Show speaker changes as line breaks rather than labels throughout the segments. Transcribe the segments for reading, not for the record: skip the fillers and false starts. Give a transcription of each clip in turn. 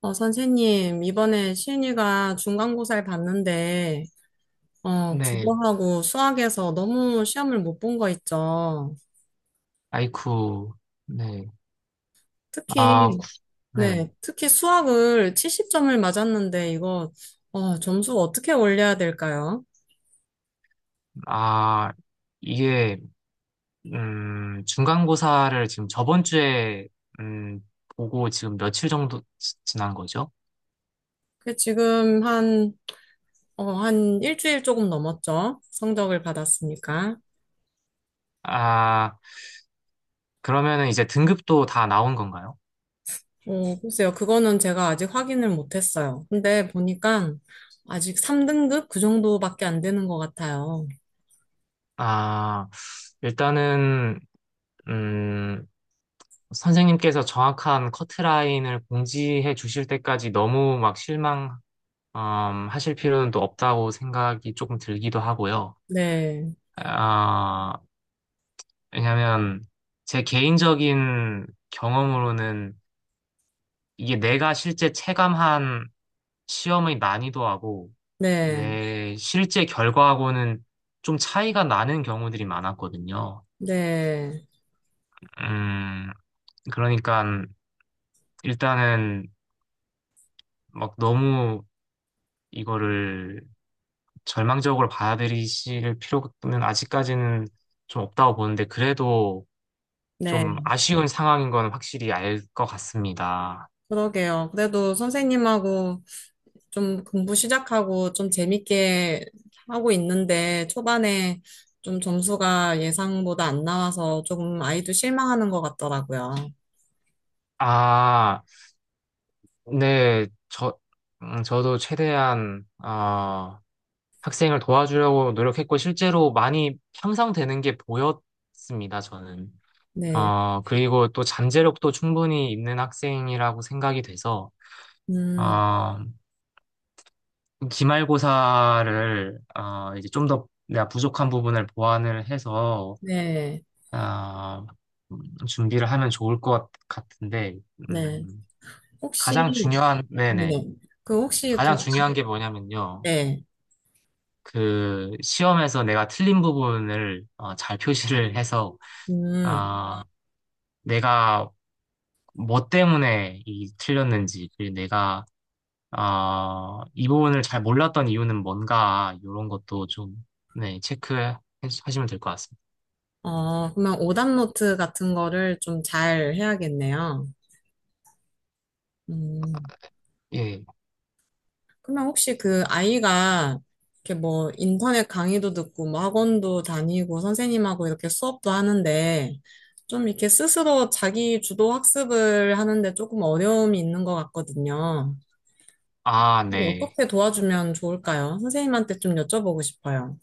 선생님, 이번에 시은이가 중간고사를 봤는데,
네,
국어하고 수학에서 너무 시험을 못 본 거 있죠.
아이쿠, 네, 아,
특히,
구- 네,
네, 특히 수학을 70점을 맞았는데, 이거, 점수 어떻게 올려야 될까요?
아, 이게, 중간고사를 지금 저번 주에, 음, 보고 지금 며칠 정도 지난 거죠?
그 지금 한 일주일 조금 넘었죠. 성적을 받았으니까.
아, 그러면은 이제 등급도 다 나온 건가요?
글쎄요. 그거는 제가 아직 확인을 못 했어요. 근데 보니까 아직 3등급 그 정도밖에 안 되는 것 같아요.
아, 일단은, 음, 선생님께서 정확한 커트라인을 공지해 주실 때까지 너무 막 실망, 하실 필요는 또 없다고 생각이 조금 들기도 하고요.
네.
아, 왜냐면 제 개인적인 경험으로는 이게 내가 실제 체감한 시험의 난이도하고
네,
내 실제 결과하고는 좀 차이가 나는 경우들이 많았거든요.
네,
음, 그러니까 일단은 막 너무 이거를 절망적으로 받아들이실 필요는 아직까지는 좀 없다고 보는데 그래도 좀
네.
아쉬운 상황인 건 확실히 알 것 같습니다.
그러게요. 그래도 선생님하고 좀 공부 시작하고 좀 재밌게 하고 있는데 초반에 좀 점수가 예상보다 안 나와서 조금 아이도 실망하는 것 같더라고요.
아, 네, 저도 최대한, 학생을 도와주려고 노력했고, 실제로 많이 향상되는 게 보였습니다, 저는.
네,
그리고 또 잠재력도 충분히 있는 학생이라고 생각이 돼서,
음,
어, 기말고사를, 이제 좀 더 내가 부족한 부분을 보완을 해서,
네,
어, 준비를 하면 좋을 것 같은데,
네.
음,
혹시,
가장 중요한,
네.
네네.
그 혹시
가장
그,
중요한 게 뭐냐면요.
네,
그 시험에서 내가 틀린 부분을 잘 표시를 해서
음,
아 내가 뭐 때문에 이 틀렸는지, 그리고 내가 아 이 부분을 잘 몰랐던 이유는 뭔가 이런 것도 좀, 네, 체크하시면 될 것 같습니다.
그러면 오답노트 같은 거를 좀 잘 해야겠네요. 음.
예.
그러면 혹시 그 아이가 이렇게 뭐 인터넷 강의도 듣고 뭐 학원도 다니고 선생님하고 이렇게 수업도 하는데 좀 이렇게 스스로 자기 주도 학습을 하는데 조금 어려움이 있는 것 같거든요.
아,
근데
네.
어떻게 도와주면 좋을까요? 선생님한테 좀 여쭤보고 싶어요.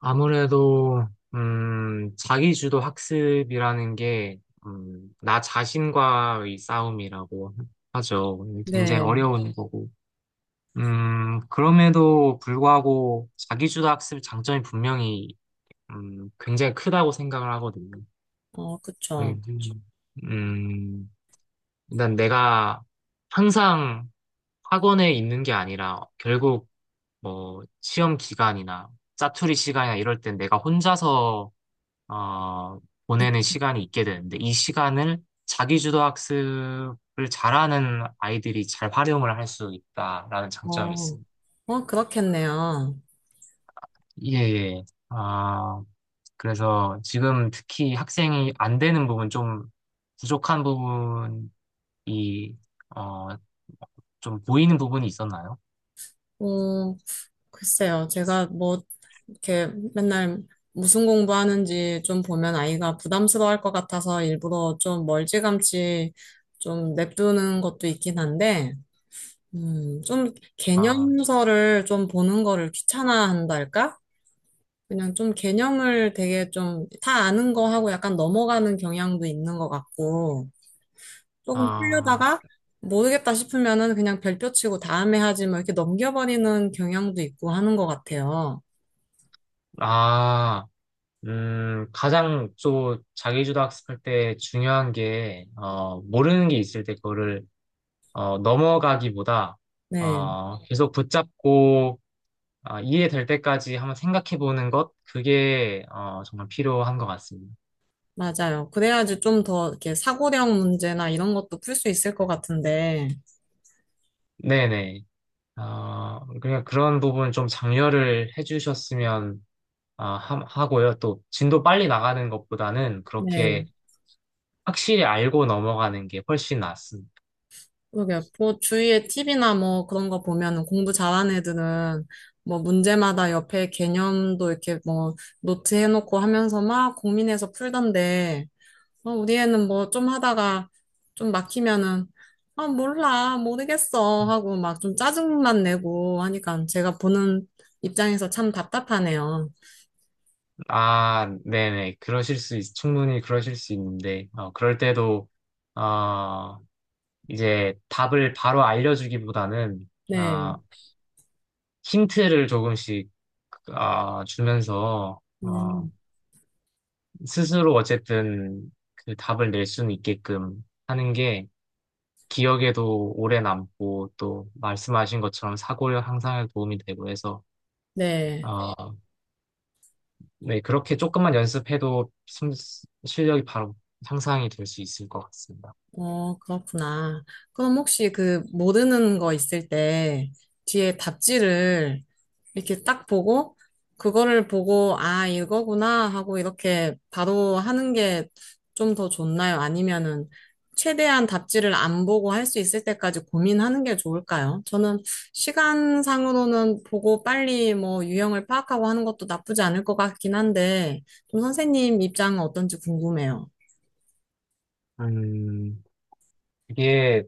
아무래도 자기주도 학습이라는 게 나 자신과의 싸움이라고 하죠. 굉장히
네.
어려운 거고 그럼에도 불구하고 자기주도 학습 장점이 분명히 굉장히 크다고 생각을 하거든요.
어,
네,
그쵸.
음, 일단 내가 항상 학원에 있는 게 아니라 결국 뭐 시험 기간이나 짜투리 시간이나 이럴 땐 내가 혼자서 어, 보내는 시간이 있게 되는데, 이 시간을 자기주도 학습을 잘하는 아이들이 잘 활용을 할 수 있다라는 장점이
어,
있습니다.
그렇겠네요.
예, 예. 아, 그래서 지금 특히 학생이 안 되는 부분 좀, 부족한 부분이 어, 좀 보이는 부분이 있었나요?
어, 글쎄요, 제가 뭐, 이렇게 맨날 무슨 공부하는지 좀 보면 아이가 부담스러워할 것 같아서 일부러 좀 멀찌감치 좀 냅두는 것도 있긴 한데, 좀
아,
개념서를 좀 보는 거를 귀찮아한달까? 그냥 좀 개념을 되게 좀 다 아는 거 하고 약간 넘어가는 경향도 있는 것 같고, 조금
아,
풀려다가 모르겠다 싶으면은 그냥 별표 치고 다음에 하지 뭐 이렇게 넘겨버리는 경향도 있고 하는 것 같아요.
아, 가장 또 자기주도 학습할 때 중요한 게 모르는 게 있을 때 그거를 넘어가기보다
네.
계속 붙잡고 이해될 때까지 한번 생각해 보는 것, 그게 정말 필요한 것 같습니다.
맞아요. 그래야지 좀 더 이렇게 사고력 문제나 이런 것도 풀 수 있을 것 같은데.
네네. 그냥 그런 부분 좀 장려를 해주셨으면 하고요. 또 진도 빨리 나가는 것보다는
네.
그렇게 확실히 알고 넘어가는 게 훨씬 낫습니다.
그러게. 뭐 주위에 팁이나뭐 그런 거 보면은 공부 잘하는 애들은 뭐 문제마다 옆에 개념도 이렇게 뭐 노트 해놓고 하면서 막 고민해서 풀던데. 우리 애는 뭐 좀 하다가 좀 막히면은 아, 몰라. 모르겠어. 하고 막 좀 짜증만 내고 하니까 제가 보는 입장에서 참 답답하네요.
아, 네네. 충분히 그러실 수 있는데, 그럴 때도, 어, 이제 답을 바로 알려주기보다는,
네.
힌트를 조금씩, 주면서,
음.
스스로 어쨌든 그 답을 낼 수는 있게끔 하는 게, 기억에도 오래 남고 또 말씀하신 것처럼 사고 력 향상에 도움이 되고 해서,
네.
어, 네, 그렇게 조금만 연습해도 실력이 바로 향상이 될 수 있을 것 같습니다.
그렇구나. 그럼 혹시 그 모르는 거 있을 때 뒤에 답지를 이렇게 딱 보고 그거를 보고 아, 이거구나 하고 이렇게 바로 하는 게 좀 더 좋나요? 아니면은 최대한 답지를 안 보고 할 수 있을 때까지 고민하는 게 좋을까요? 저는 시간상으로는 보고 빨리 뭐 유형을 파악하고 하는 것도 나쁘지 않을 것 같긴 한데 좀 선생님 입장은 어떤지 궁금해요.
음, 이게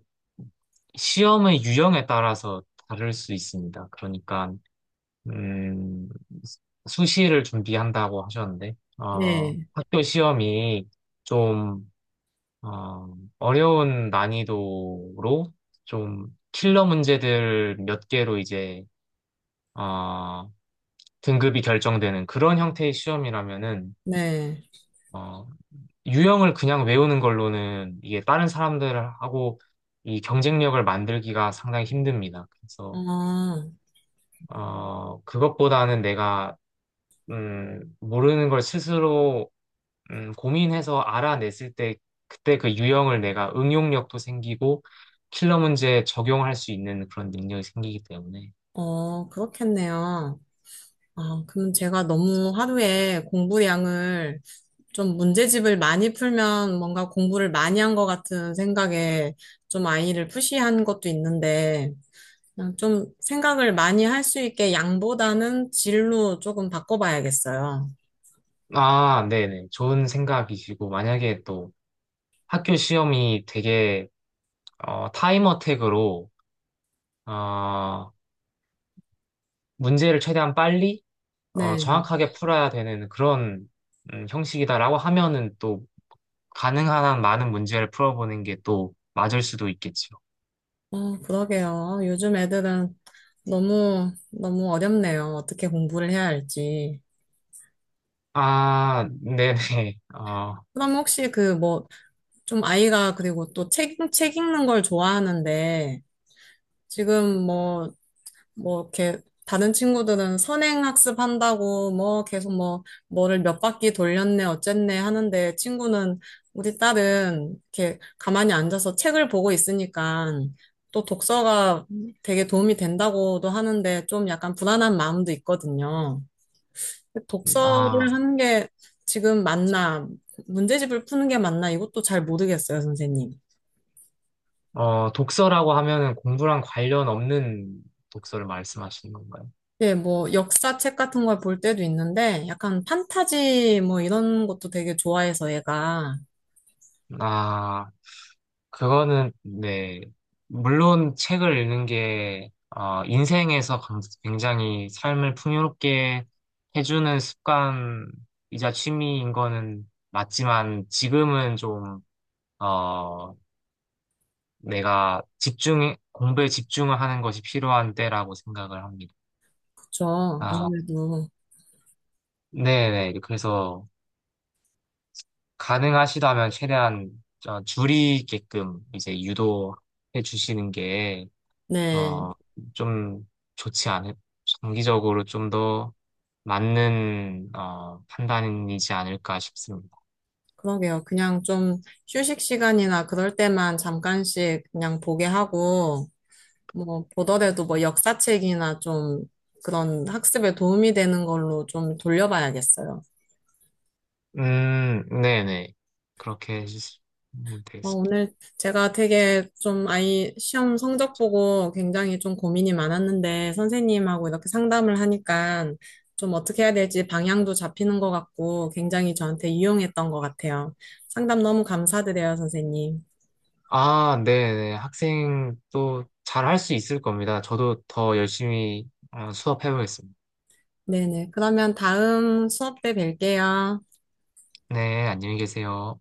시험의 유형에 따라서 다를 수 있습니다. 그러니까 음, 수시를 준비한다고 하셨는데,
네,
학교 시험이 좀, 어, 어려운 난이도로 좀 킬러 문제들 몇 개로 이제, 어, 등급이 결정되는 그런 형태의 시험이라면은,
네.
어, 유형을 그냥 외우는 걸로는 이게 다른 사람들하고 이 경쟁력을 만들기가 상당히 힘듭니다. 그래서
어.
그것보다는 내가 모르는 걸 스스로 고민해서 알아냈을 때, 그때 그 유형을 내가 응용력도 생기고 킬러 문제에 적용할 수 있는 그런 능력이 생기기 때문에.
그렇겠네요. 아, 그럼 제가 너무 하루에 공부량을 좀 문제집을 많이 풀면 뭔가 공부를 많이 한 것 같은 생각에 좀 아이를 푸시한 것도 있는데, 그냥 좀 생각을 많이 할 수 있게 양보다는 질로 조금 바꿔봐야겠어요.
아, 네네. 좋은 생각이시고, 만약에 또 학교 시험이 되게 타임 어택으로, 어, 문제를 최대한 빨리
네.
정확하게 풀어야 되는 그런, 형식이다라고 하면은 또 가능한 한 많은 문제를 풀어보는 게 또 맞을 수도 있겠죠.
그러게요. 요즘 애들은 너무, 너무 어렵네요. 어떻게 공부를 해야 할지.
아, 네네.
그럼 혹시 그뭐 좀 아이가 그리고 또 책 읽는 걸 좋아하는데 지금 뭐 이렇게 다른 친구들은 선행학습 한다고 뭐 계속 뭐를 몇 바퀴 돌렸네 어쨌네 하는데 친구는 우리 딸은 이렇게 가만히 앉아서 책을 보고 있으니까 또 독서가 되게 도움이 된다고도 하는데 좀 약간 불안한 마음도 있거든요.
아.
독서를 하는 게 지금 맞나 문제집을 푸는 게 맞나 이것도 잘 모르겠어요, 선생님.
독서라고 하면은 공부랑 관련 없는 독서를 말씀하시는 건가요?
예, 뭐 역사책 같은 걸 볼 때도 있는데 약간 판타지 뭐 이런 것도 되게 좋아해서 얘가.
아, 그거는, 네. 물론 책을 읽는 게, 인생에서 굉장히 삶을 풍요롭게 해주는 습관이자 취미인 거는 맞지만, 지금은 좀, 어, 공부에 집중을 하는 것이 필요한 때라고 생각을 합니다. 아,
그쵸,
그렇죠.
아무래도.
네네. 그래서, 가능하시다면 최대한 줄이게끔 이제 유도해 주시는 게,
네.
어, 좀 좋지 않을, 장기적으로 좀 더 맞는, 판단이지 않을까 싶습니다.
그러게요. 그냥 좀 휴식 시간이나 그럴 때만 잠깐씩 그냥 보게 하고 뭐 보더라도 뭐 역사책이나 좀 그런 학습에 도움이 되는 걸로 좀 돌려봐야겠어요.
네네. 그렇게 해주시면 되겠습니다.
오늘 제가 되게 좀 아이 시험 성적 보고 굉장히 좀 고민이 많았는데 선생님하고 이렇게 상담을 하니까 좀 어떻게 해야 될지 방향도 잡히는 것 같고 굉장히 저한테 유용했던 것 같아요. 상담 너무 감사드려요, 선생님.
아, 네네. 학생 또 잘 할 수 있을 겁니다. 저도 더 열심히 수업해보겠습니다.
네네. 그러면 다음 수업 때 뵐게요.
네, 안녕히 계세요.